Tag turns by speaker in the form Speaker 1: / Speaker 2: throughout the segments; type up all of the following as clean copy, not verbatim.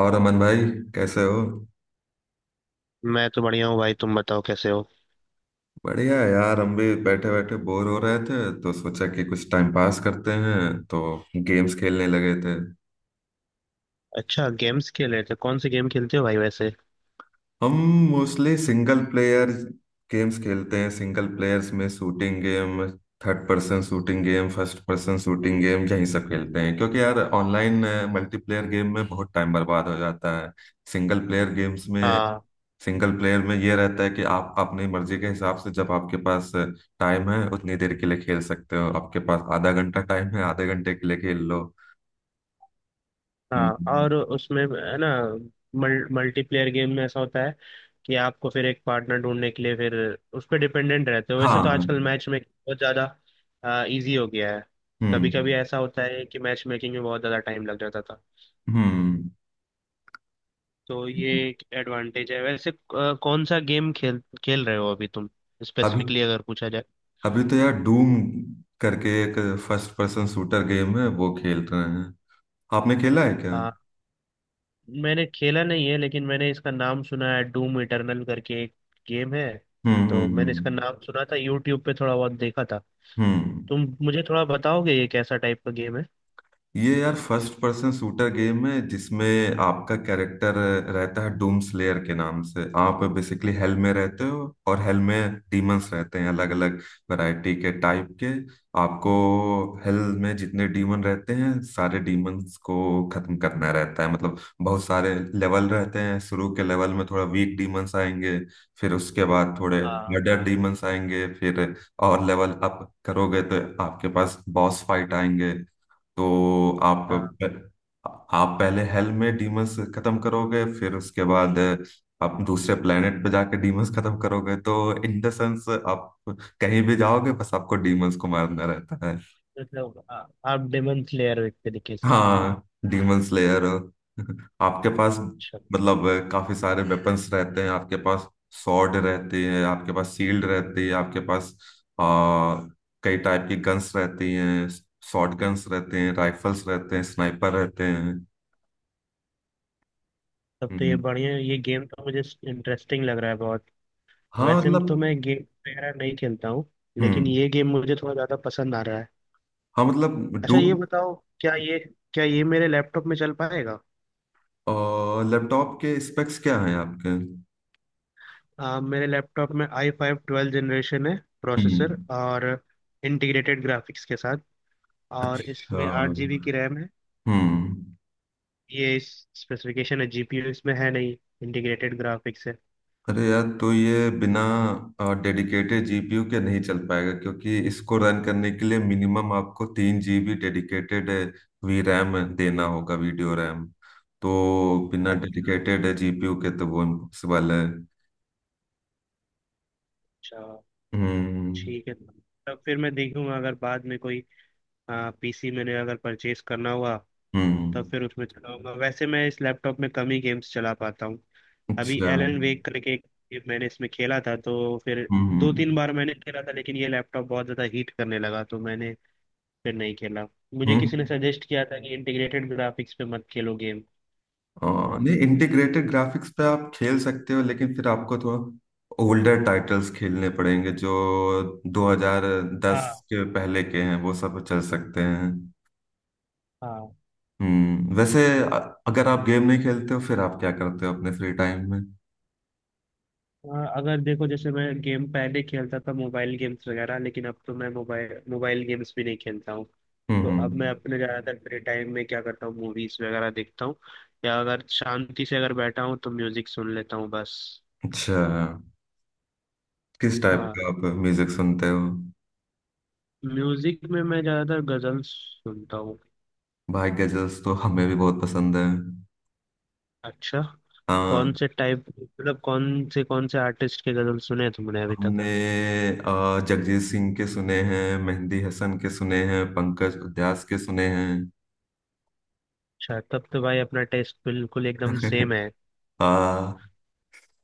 Speaker 1: और अमन भाई, कैसे हो?
Speaker 2: मैं तो बढ़िया हूँ भाई। तुम बताओ कैसे हो।
Speaker 1: बढ़िया है यार, हम भी बैठे बैठे बोर हो रहे थे तो सोचा कि कुछ टाइम पास करते हैं, तो गेम्स खेलने लगे थे।
Speaker 2: अच्छा गेम्स खेल रहे थे। कौन से गेम खेलते हो भाई वैसे।
Speaker 1: हम मोस्टली सिंगल प्लेयर गेम्स खेलते हैं। सिंगल प्लेयर्स में shooting game, third person shooting game, first person shooting game, यही सब खेलते हैं, क्योंकि यार ऑनलाइन मल्टीप्लेयर गेम में बहुत टाइम बर्बाद हो जाता है। सिंगल प्लेयर गेम्स में
Speaker 2: हाँ
Speaker 1: सिंगल प्लेयर में ये रहता है कि आप अपनी मर्जी के हिसाब से, जब आपके पास टाइम है उतनी देर के लिए खेल सकते हो। आपके पास आधा घंटा टाइम है, आधे घंटे के लिए खेल लो।
Speaker 2: हाँ,
Speaker 1: हम्म।
Speaker 2: और उसमें है ना, मल्टीप्लेयर गेम में ऐसा होता है कि आपको फिर एक पार्टनर ढूंढने के लिए फिर उस पर डिपेंडेंट रहते हो। वैसे तो
Speaker 1: हाँ।
Speaker 2: आजकल मैच मेकिंग बहुत ज़्यादा इजी हो गया है। कभी कभी
Speaker 1: हम्म।
Speaker 2: ऐसा होता है कि मैच मेकिंग में बहुत ज़्यादा टाइम लग जाता था,
Speaker 1: हम्म।
Speaker 2: तो ये एक एडवांटेज है। वैसे कौन सा गेम खेल खेल रहे हो अभी तुम,
Speaker 1: अभी,
Speaker 2: स्पेसिफिकली अगर पूछा जाए।
Speaker 1: अभी तो यार डूम करके एक फर्स्ट पर्सन शूटर गेम है, वो खेल रहे हैं। आपने खेला है क्या? हम्म।
Speaker 2: मैंने खेला नहीं है लेकिन मैंने इसका नाम सुना है। डूम इटर्नल करके एक गेम है,
Speaker 1: हम्म।
Speaker 2: तो मैंने इसका
Speaker 1: हम्म।
Speaker 2: नाम सुना था, यूट्यूब पे थोड़ा बहुत देखा था।
Speaker 1: हम्म।
Speaker 2: तुम मुझे थोड़ा बताओगे ये कैसा टाइप का गेम है।
Speaker 1: ये यार फर्स्ट पर्सन शूटर गेम है जिसमें आपका कैरेक्टर रहता है डूम स्लेयर के नाम से। आप बेसिकली हेल में रहते हो, और हेल में डीमंस रहते हैं अलग अलग वैरायटी के टाइप के। आपको हेल में जितने डीमन रहते हैं सारे डीमंस को खत्म करना रहता है। मतलब बहुत सारे लेवल रहते हैं, शुरू के लेवल में थोड़ा वीक डीमंस आएंगे, फिर उसके बाद थोड़े
Speaker 2: हाँ
Speaker 1: मर्डर डीमंस आएंगे, फिर और लेवल अप करोगे तो आपके पास बॉस फाइट आएंगे। तो आप
Speaker 2: हाँ,
Speaker 1: आप पहले हेल में डीमंस खत्म करोगे, फिर उसके बाद आप दूसरे प्लेनेट पे जाके डीमंस खत्म करोगे। तो इन द सेंस आप कहीं भी जाओगे, बस आपको डीमंस को मारना रहता है।
Speaker 2: मतलब आप डेमन स्लेयर हो एक तरीके से।
Speaker 1: हाँ, डीमन स्लेयर। आपके पास
Speaker 2: अच्छा।
Speaker 1: मतलब काफी सारे वेपन्स रहते हैं आपके पास। सॉर्ड रहती है आपके पास, शील्ड रहती है आपके पास। आ, कई टाइप की गन्स रहती हैं, शॉर्ट गन्स रहते हैं, राइफल्स रहते हैं, स्नाइपर रहते हैं।
Speaker 2: तब तो ये
Speaker 1: हम्म।
Speaker 2: बढ़िया, ये गेम तो मुझे इंटरेस्टिंग लग रहा है बहुत।
Speaker 1: हाँ,
Speaker 2: वैसे में
Speaker 1: मतलब।
Speaker 2: तो मैं गेम वगैरह नहीं खेलता हूँ, लेकिन
Speaker 1: हम्म।
Speaker 2: ये गेम मुझे थोड़ा ज़्यादा पसंद आ रहा है।
Speaker 1: हाँ, मतलब
Speaker 2: अच्छा ये
Speaker 1: डूम।
Speaker 2: बताओ, क्या ये क्या ये मेरे लैपटॉप में चल पाएगा।
Speaker 1: और लैपटॉप के स्पेक्स क्या हैं आपके?
Speaker 2: मेरे लैपटॉप में आई फाइव ट्वेल्व जनरेशन है प्रोसेसर,
Speaker 1: हम्म।
Speaker 2: और इंटीग्रेटेड ग्राफिक्स के साथ। और
Speaker 1: अच्छा।
Speaker 2: इसमें आठ जीबी की रैम है।
Speaker 1: हम्म।
Speaker 2: ये इस स्पेसिफिकेशन है। जीपीयू इसमें है नहीं, इंटीग्रेटेड ग्राफिक्स है।
Speaker 1: अरे यार, तो ये बिना डेडिकेटेड जीपीयू के नहीं चल पाएगा, क्योंकि इसको रन करने के लिए मिनिमम आपको तीन जीबी डेडिकेटेड वी रैम देना होगा, वीडियो रैम। तो बिना
Speaker 2: अच्छा
Speaker 1: डेडिकेटेड जीपीयू के तो वो इम्पॉसिबल है।
Speaker 2: अच्छा,
Speaker 1: हम्म।
Speaker 2: ठीक है। तब फिर मैं देखूंगा, अगर बाद में कोई पीसी मैंने अगर परचेज करना हुआ तब
Speaker 1: हम्म।
Speaker 2: फिर उसमें चलाऊंगा। वैसे मैं इस लैपटॉप में कम ही गेम्स चला पाता हूँ। अभी
Speaker 1: अच्छा।
Speaker 2: एलन वेक करके एक मैंने इसमें खेला था, तो फिर दो
Speaker 1: हम्म।
Speaker 2: तीन बार मैंने खेला था, लेकिन ये लैपटॉप बहुत ज्यादा हीट करने लगा तो मैंने फिर नहीं खेला। मुझे किसी ने
Speaker 1: हम्म।
Speaker 2: सजेस्ट किया था कि इंटीग्रेटेड ग्राफिक्स पे मत खेलो गेम। हाँ
Speaker 1: नहीं, इंटीग्रेटेड ग्राफिक्स पे आप खेल सकते हो, लेकिन फिर आपको थोड़ा ओल्डर टाइटल्स खेलने पड़ेंगे जो 2010
Speaker 2: हाँ।
Speaker 1: के पहले के हैं वो सब चल सकते हैं। हम्म। वैसे अगर आप गेम नहीं खेलते हो फिर आप क्या करते हो अपने फ्री टाइम में?
Speaker 2: हाँ, अगर देखो जैसे मैं गेम पहले खेलता था, मोबाइल गेम्स वगैरह, लेकिन अब तो मैं मोबाइल मोबाइल गेम्स भी नहीं खेलता हूँ।
Speaker 1: हम्म।
Speaker 2: तो अब मैं
Speaker 1: हम्म।
Speaker 2: अपने ज़्यादातर फ्री टाइम में क्या करता हूँ, मूवीज वगैरह देखता हूँ, या अगर शांति से अगर बैठा हूँ तो म्यूजिक सुन लेता हूँ बस।
Speaker 1: अच्छा, किस टाइप
Speaker 2: हाँ,
Speaker 1: का आप म्यूजिक सुनते हो?
Speaker 2: म्यूजिक में मैं ज्यादातर गजल सुनता हूँ।
Speaker 1: भाई, गजल्स तो हमें भी बहुत पसंद
Speaker 2: अच्छा, कौन
Speaker 1: है।
Speaker 2: से टाइप मतलब कौन से आर्टिस्ट के गजल सुने तुमने अभी तक।
Speaker 1: हमने जगजीत सिंह के सुने हैं, मेहंदी हसन के सुने हैं, पंकज उधास के सुने हैं।
Speaker 2: अच्छा, तब तो भाई अपना टेस्ट बिल्कुल एकदम सेम है।
Speaker 1: आ,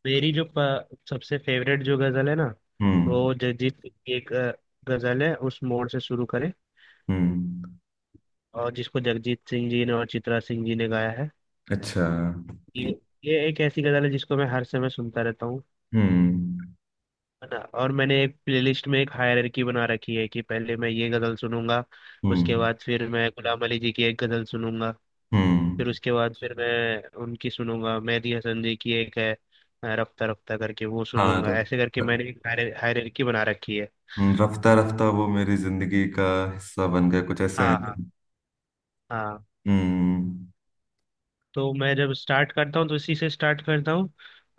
Speaker 2: मेरी जो सबसे फेवरेट जो गजल है ना,
Speaker 1: हम्म।
Speaker 2: वो जगजीत सिंह की एक गजल है, उस मोड़ से शुरू करें,
Speaker 1: हम्म।
Speaker 2: और जिसको जगजीत सिंह जी ने और चित्रा सिंह जी ने गाया है।
Speaker 1: अच्छा।
Speaker 2: ये ये एक ऐसी गजल है जिसको मैं हर समय सुनता रहता हूँ।
Speaker 1: हम्म।
Speaker 2: है ना, और मैंने एक प्लेलिस्ट में एक हायरार्की बना रखी है कि पहले मैं ये गजल सुनूंगा, उसके
Speaker 1: हम्म।
Speaker 2: बाद फिर मैं गुलाम अली जी की एक गजल सुनूंगा, फिर
Speaker 1: हम्म।
Speaker 2: उसके बाद फिर मैं उनकी सुनूंगा, मेहदी हसन जी की एक है रफ्ता रफ्ता करके, वो
Speaker 1: हाँ,
Speaker 2: सुनूंगा। ऐसे करके
Speaker 1: र-
Speaker 2: मैंने एक हायरार्की बना रखी है।
Speaker 1: रफ्ता रफ्ता वो मेरी जिंदगी का हिस्सा बन गया, कुछ ऐसे हैं
Speaker 2: हाँ हाँ
Speaker 1: ना।
Speaker 2: हाँ।
Speaker 1: हम्म।
Speaker 2: तो मैं जब स्टार्ट करता हूँ तो इसी से स्टार्ट करता हूँ,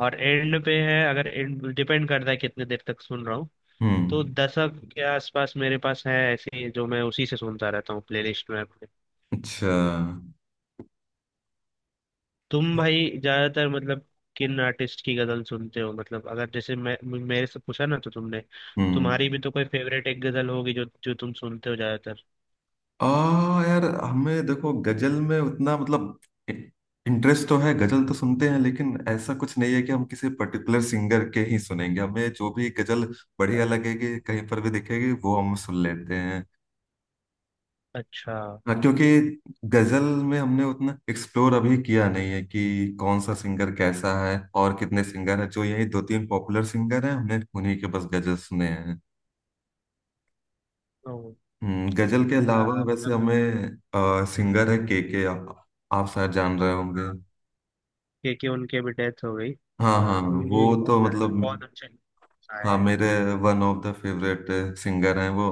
Speaker 2: और एंड पे है, अगर एंड डिपेंड करता है कितने देर तक सुन रहा हूँ। तो
Speaker 1: हम्म।
Speaker 2: दशक के आसपास मेरे पास है ऐसे, जो मैं उसी से सुनता रहता हूँ प्लेलिस्ट में।
Speaker 1: अच्छा।
Speaker 2: तुम भाई ज्यादातर मतलब किन आर्टिस्ट की गजल सुनते हो, मतलब अगर जैसे मैं मेरे से पूछा ना तो तुमने,
Speaker 1: हम्म
Speaker 2: तुम्हारी भी तो कोई फेवरेट एक गजल होगी जो जो तुम सुनते हो ज्यादातर।
Speaker 1: आ यार हमें देखो, गजल में उतना मतलब इंटरेस्ट तो है, गजल तो सुनते हैं, लेकिन ऐसा कुछ नहीं है कि हम किसी पर्टिकुलर सिंगर के ही सुनेंगे। हमें जो भी गजल बढ़िया लगेगी कहीं पर भी दिखेगी वो हम सुन लेते हैं।
Speaker 2: अच्छा।
Speaker 1: हाँ, क्योंकि गजल में हमने उतना एक्सप्लोर अभी किया नहीं है कि कौन सा सिंगर कैसा है और कितने सिंगर हैं। जो यही दो तीन पॉपुलर सिंगर हैं हमने उन्हीं के बस गजल सुने हैं।
Speaker 2: ओ,
Speaker 1: गजल के अलावा वैसे
Speaker 2: मतलब
Speaker 1: हमें सिंगर है के, आप शायद जान रहे होंगे।
Speaker 2: के, उनके भी डेथ हो गई।
Speaker 1: हाँ हाँ, वो
Speaker 2: उनकी भी
Speaker 1: तो
Speaker 2: बहुत तरह
Speaker 1: मतलब,
Speaker 2: बहुत अच्छे आए
Speaker 1: हाँ,
Speaker 2: हैं।
Speaker 1: मेरे one of the favourite singer हैं वो।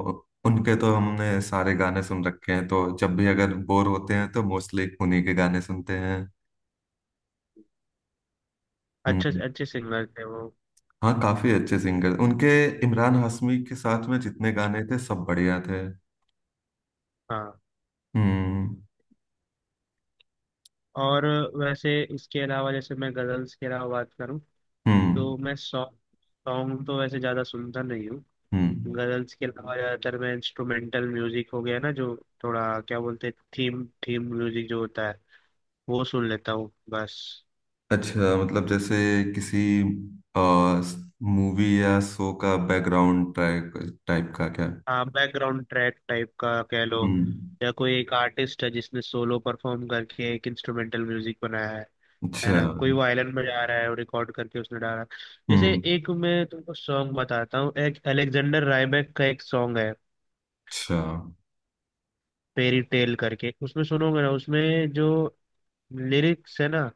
Speaker 1: उनके तो हमने सारे गाने सुन रखे हैं, तो जब भी अगर बोर होते हैं तो मोस्टली उन्हीं के गाने सुनते हैं।
Speaker 2: अच्छे
Speaker 1: हम्म,
Speaker 2: अच्छे सिंगर थे वो।
Speaker 1: हाँ, काफी अच्छे सिंगर उनके। इमरान हाशमी के साथ में जितने गाने थे सब बढ़िया थे।
Speaker 2: हाँ,
Speaker 1: हम्म।
Speaker 2: और वैसे इसके अलावा, जैसे मैं गजल्स के अलावा बात करूँ
Speaker 1: हम्म।
Speaker 2: तो मैं सॉन्ग सॉन्ग तो वैसे ज्यादा सुनता नहीं हूँ।
Speaker 1: हम्म।
Speaker 2: गजल्स के अलावा ज्यादातर मैं इंस्ट्रूमेंटल म्यूजिक हो गया ना, जो थोड़ा क्या बोलते हैं, थीम थीम म्यूजिक जो होता है वो सुन लेता हूँ बस।
Speaker 1: अच्छा, मतलब जैसे किसी मूवी या शो का बैकग्राउंड ट्रैक टाइप का, क्या?
Speaker 2: हाँ, बैकग्राउंड ट्रैक टाइप का कह लो,
Speaker 1: हम्म।
Speaker 2: या कोई एक आर्टिस्ट है जिसने सोलो परफॉर्म करके एक इंस्ट्रूमेंटल म्यूजिक बनाया है
Speaker 1: अच्छा।
Speaker 2: ना, कोई वायलिन बजा रहा है और रिकॉर्ड करके उसने डाला है। जैसे
Speaker 1: हम्म।
Speaker 2: एक मैं तुमको सॉन्ग बताता हूँ, एक अलेक्जेंडर रायबैक का एक सॉन्ग है
Speaker 1: अच्छा।
Speaker 2: फेरी टेल करके, उसमें सुनोगे ना, उसमें जो लिरिक्स है ना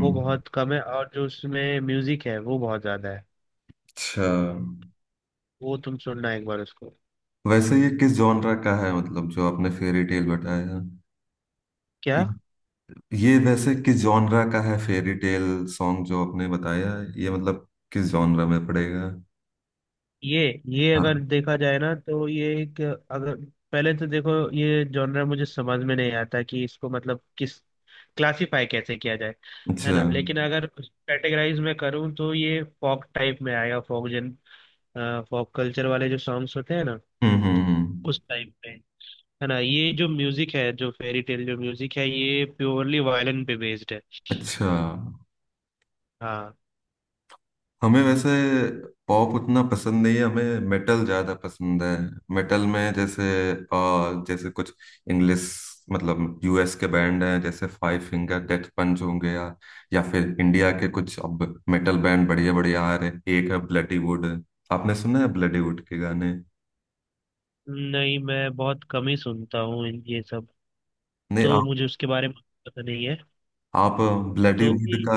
Speaker 2: वो बहुत कम है, और जो उसमें म्यूजिक है वो बहुत ज्यादा है।
Speaker 1: अच्छा,
Speaker 2: वो तुम सुनना एक बार उसको।
Speaker 1: वैसे ये किस जॉनरा का है, मतलब जो आपने फेरी टेल बताया?
Speaker 2: क्या?
Speaker 1: ये ये वैसे किस जॉनरा का है, फेरी टेल सॉन्ग जो आपने बताया, ये मतलब किस जॉनरा में पड़ेगा?
Speaker 2: ये ये अगर
Speaker 1: हाँ।
Speaker 2: देखा जाए ना तो ये एक, अगर पहले तो देखो ये जॉनर मुझे समझ में नहीं आता कि इसको मतलब किस, क्लासिफाई कैसे किया जाए, है
Speaker 1: अच्छा।
Speaker 2: ना। लेकिन
Speaker 1: हम्म।
Speaker 2: अगर कैटेगराइज में करूँ तो ये फॉक टाइप में आएगा, फॉक कल्चर वाले जो सॉन्ग्स होते हैं ना
Speaker 1: हम्म। हम्म।
Speaker 2: उस टाइप पे। है ना, ये जो म्यूजिक है, जो फेरी टेल जो म्यूजिक है, ये प्योरली वायलिन पे बेस्ड है।
Speaker 1: अच्छा,
Speaker 2: हाँ।
Speaker 1: हमें वैसे पॉप उतना पसंद नहीं है, हमें मेटल ज्यादा पसंद है। मेटल में जैसे, जैसे कुछ इंग्लिश, मतलब यूएस के बैंड हैं, जैसे फाइव फिंगर डेथ पंच होंगे, या फिर इंडिया के कुछ अब मेटल बैंड बढ़िया बढ़िया आ रहे हैं। एक है ब्लडी वुड, आपने सुना है ब्लडी वुड के गाने?
Speaker 2: नहीं मैं बहुत कम ही सुनता हूँ ये सब,
Speaker 1: नहीं,
Speaker 2: तो मुझे उसके बारे में पता नहीं है।
Speaker 1: आप ब्लडी
Speaker 2: तो
Speaker 1: वुड का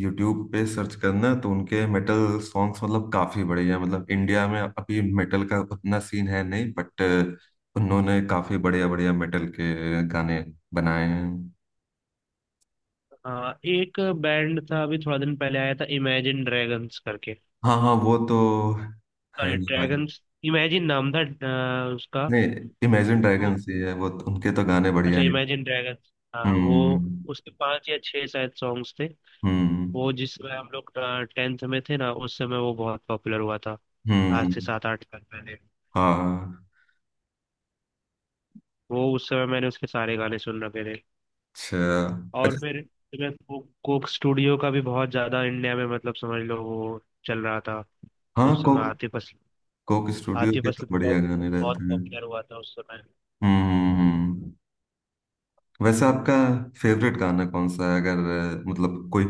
Speaker 1: यूट्यूब पे सर्च करना, तो उनके मेटल सॉन्ग्स मतलब काफी बढ़िया। मतलब इंडिया में अभी मेटल का उतना सीन है नहीं, बट उन्होंने काफी बढ़िया बढ़िया मेटल के गाने बनाए हैं।
Speaker 2: हाँ एक बैंड था अभी थोड़ा दिन पहले आया था, इमेजिन ड्रैगन्स करके।
Speaker 1: हाँ हाँ, वो तो है
Speaker 2: सॉरी,
Speaker 1: ही भाई।
Speaker 2: ड्रैगन्स, इमेजिन नाम था उसका।
Speaker 1: नहीं, इमेजिन
Speaker 2: तो
Speaker 1: ड्रैगन्स ही है वो, उनके तो गाने बढ़िया
Speaker 2: अच्छा,
Speaker 1: हैं।
Speaker 2: इमेजिन ड्रैगन्स हाँ, वो
Speaker 1: हम्म।
Speaker 2: उसके पांच या छह शायद सॉन्ग्स थे।
Speaker 1: हम्म।
Speaker 2: वो जिस समय हम लोग टेंथ में थे ना, उस समय वो बहुत पॉपुलर हुआ था, आज
Speaker 1: हम्म।
Speaker 2: से सात आठ साल पहले।
Speaker 1: हाँ।
Speaker 2: वो उस समय मैंने उसके सारे गाने सुन रखे थे।
Speaker 1: अच्छा।
Speaker 2: और
Speaker 1: अच्छा।
Speaker 2: फिर कोक स्टूडियो का भी बहुत ज्यादा इंडिया में, मतलब समझ लो वो चल रहा था। तो
Speaker 1: हाँ,
Speaker 2: उस समय
Speaker 1: Coke,
Speaker 2: Atif Aslam,
Speaker 1: Coke Studio
Speaker 2: Atif
Speaker 1: के तो
Speaker 2: असलम
Speaker 1: बढ़िया
Speaker 2: बहुत
Speaker 1: गाने
Speaker 2: बहुत
Speaker 1: रहते हैं।
Speaker 2: पॉपुलर हुआ था उस समय।
Speaker 1: हम्म। हम्म। हम्म। वैसे आपका फेवरेट गाना कौन सा है, अगर मतलब कोई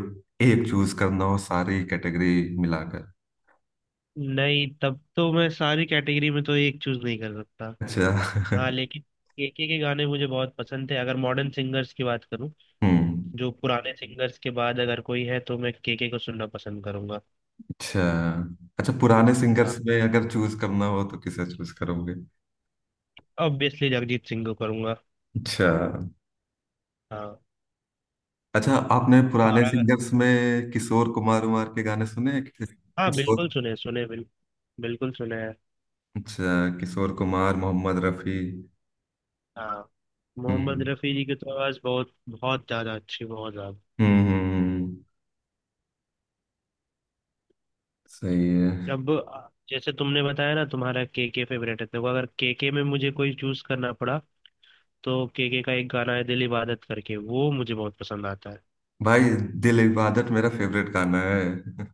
Speaker 1: एक चूज करना हो, सारी कैटेगरी मिलाकर?
Speaker 2: नहीं तब तो मैं सारी कैटेगरी में तो एक चूज नहीं कर सकता।
Speaker 1: अच्छा।
Speaker 2: हाँ लेकिन केके, के गाने मुझे बहुत पसंद थे, अगर मॉडर्न सिंगर्स की बात करूँ,
Speaker 1: हम्म।
Speaker 2: जो पुराने सिंगर्स के बाद अगर कोई है तो मैं केके को सुनना पसंद करूंगा।
Speaker 1: अच्छा। अच्छा, पुराने
Speaker 2: हाँ
Speaker 1: सिंगर्स में अगर चूज करना हो तो किसे चूज करोगे?
Speaker 2: ऑब्वियसली जगजीत सिंह को करूंगा।
Speaker 1: अच्छा।
Speaker 2: हाँ,
Speaker 1: अच्छा, आपने पुराने
Speaker 2: और अगर,
Speaker 1: सिंगर्स में किशोर कुमार उमार के गाने सुने हैं,
Speaker 2: हाँ
Speaker 1: किशोर,
Speaker 2: बिल्कुल सुने, सुने बिल्कुल, बिल्कुल सुने।
Speaker 1: अच्छा, किशोर कुमार, मोहम्मद रफी?
Speaker 2: हाँ, मोहम्मद
Speaker 1: हम्म।
Speaker 2: रफ़ी जी की तो आवाज़ बहुत, बहुत ज़्यादा अच्छी, बहुत ज़्यादा।
Speaker 1: हम्म। हम्म। हम्म। सही है।
Speaker 2: अब जैसे तुमने बताया ना तुम्हारा के फेवरेट है, देखो अगर के के में मुझे कोई चूज करना पड़ा तो के का एक गाना है दिल इबादत करके, वो मुझे बहुत पसंद आता है।
Speaker 1: भाई, दिल इबादत मेरा फेवरेट गाना है।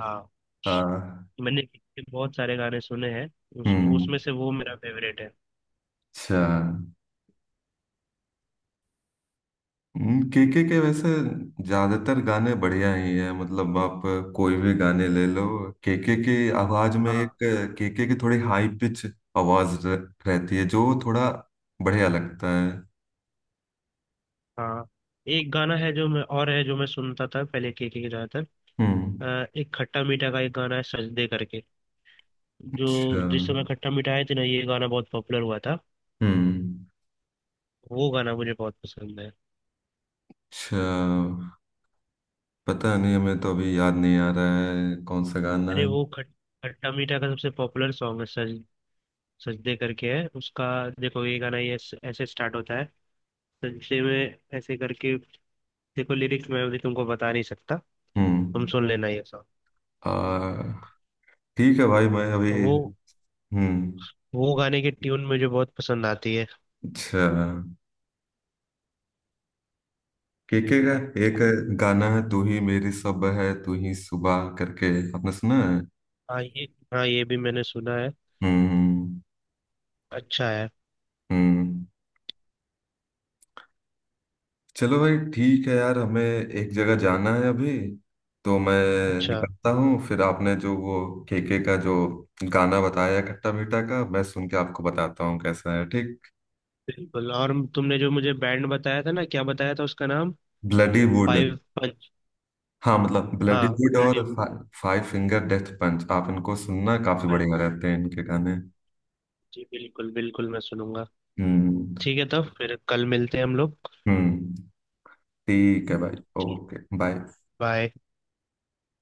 Speaker 2: हाँ,
Speaker 1: हाँ।
Speaker 2: मैंने के बहुत सारे गाने सुने हैं, उस
Speaker 1: हम्म।
Speaker 2: उसमें से वो मेरा फेवरेट है।
Speaker 1: अच्छा, केके के वैसे ज्यादातर गाने बढ़िया ही है, मतलब आप कोई भी गाने ले लो। केके की आवाज में एक,
Speaker 2: हाँ
Speaker 1: केके की थोड़ी हाई पिच आवाज रहती है, जो थोड़ा बढ़िया लगता है।
Speaker 2: हाँ, एक गाना है जो मैं, और है जो मैं सुनता था पहले के ज़्यादातर,
Speaker 1: हम्म।
Speaker 2: एक खट्टा मीठा का एक गाना है सजदे करके, जो
Speaker 1: अच्छा।
Speaker 2: जिस समय खट्टा मीठा आए थे ना, ये गाना बहुत पॉपुलर हुआ था।
Speaker 1: हम्म।
Speaker 2: वो गाना मुझे बहुत पसंद है।
Speaker 1: अच्छा, पता नहीं, हमें तो अभी याद नहीं आ रहा है कौन सा गाना
Speaker 2: अरे
Speaker 1: है।
Speaker 2: वो खट खट्टा मीठा का सबसे पॉपुलर सॉन्ग है, सज सजदे करके है उसका। देखो ये गाना ये ऐसे ऐसे स्टार्ट होता है, सजदे में ऐसे करके। देखो लिरिक्स मैं अभी तुमको बता नहीं सकता, तुम
Speaker 1: हम्म।
Speaker 2: सुन लेना ये सॉन्ग।
Speaker 1: आ ठीक है भाई, मैं अभी।
Speaker 2: वो
Speaker 1: हम्म।
Speaker 2: वो गाने की ट्यून मुझे बहुत पसंद आती है।
Speaker 1: अच्छा, केके का एक गाना है तू ही मेरी सब है तू ही सुबह करके, आपने सुना है?
Speaker 2: हाँ ये, हाँ ये भी मैंने सुना है,
Speaker 1: हम्म। हम्म।
Speaker 2: अच्छा है।
Speaker 1: हम्म। चलो भाई, ठीक है यार, हमें एक जगह जाना है अभी, तो मैं
Speaker 2: अच्छा,
Speaker 1: निकलता हूँ। फिर आपने जो वो केके का जो गाना बताया खट्टा मीठा का, मैं सुन के आपको बताता हूँ कैसा है, ठीक?
Speaker 2: बिल्कुल। और तुमने जो मुझे बैंड बताया था ना, क्या बताया था उसका नाम,
Speaker 1: ब्लडी वुड।
Speaker 2: Five Punch?
Speaker 1: हाँ, मतलब ब्लडी
Speaker 2: हाँ
Speaker 1: वुड
Speaker 2: ब्लडी।
Speaker 1: और फाइव फिंगर डेथ पंच, आप इनको सुनना, काफी बढ़िया रहते हैं इनके गाने।
Speaker 2: जी बिल्कुल, बिल्कुल मैं सुनूंगा।
Speaker 1: हम्म।
Speaker 2: ठीक है, तब फिर कल मिलते हैं हम लोग।
Speaker 1: हम्म। ठीक है भाई।
Speaker 2: ठीक,
Speaker 1: ओके, बाय।
Speaker 2: बाय।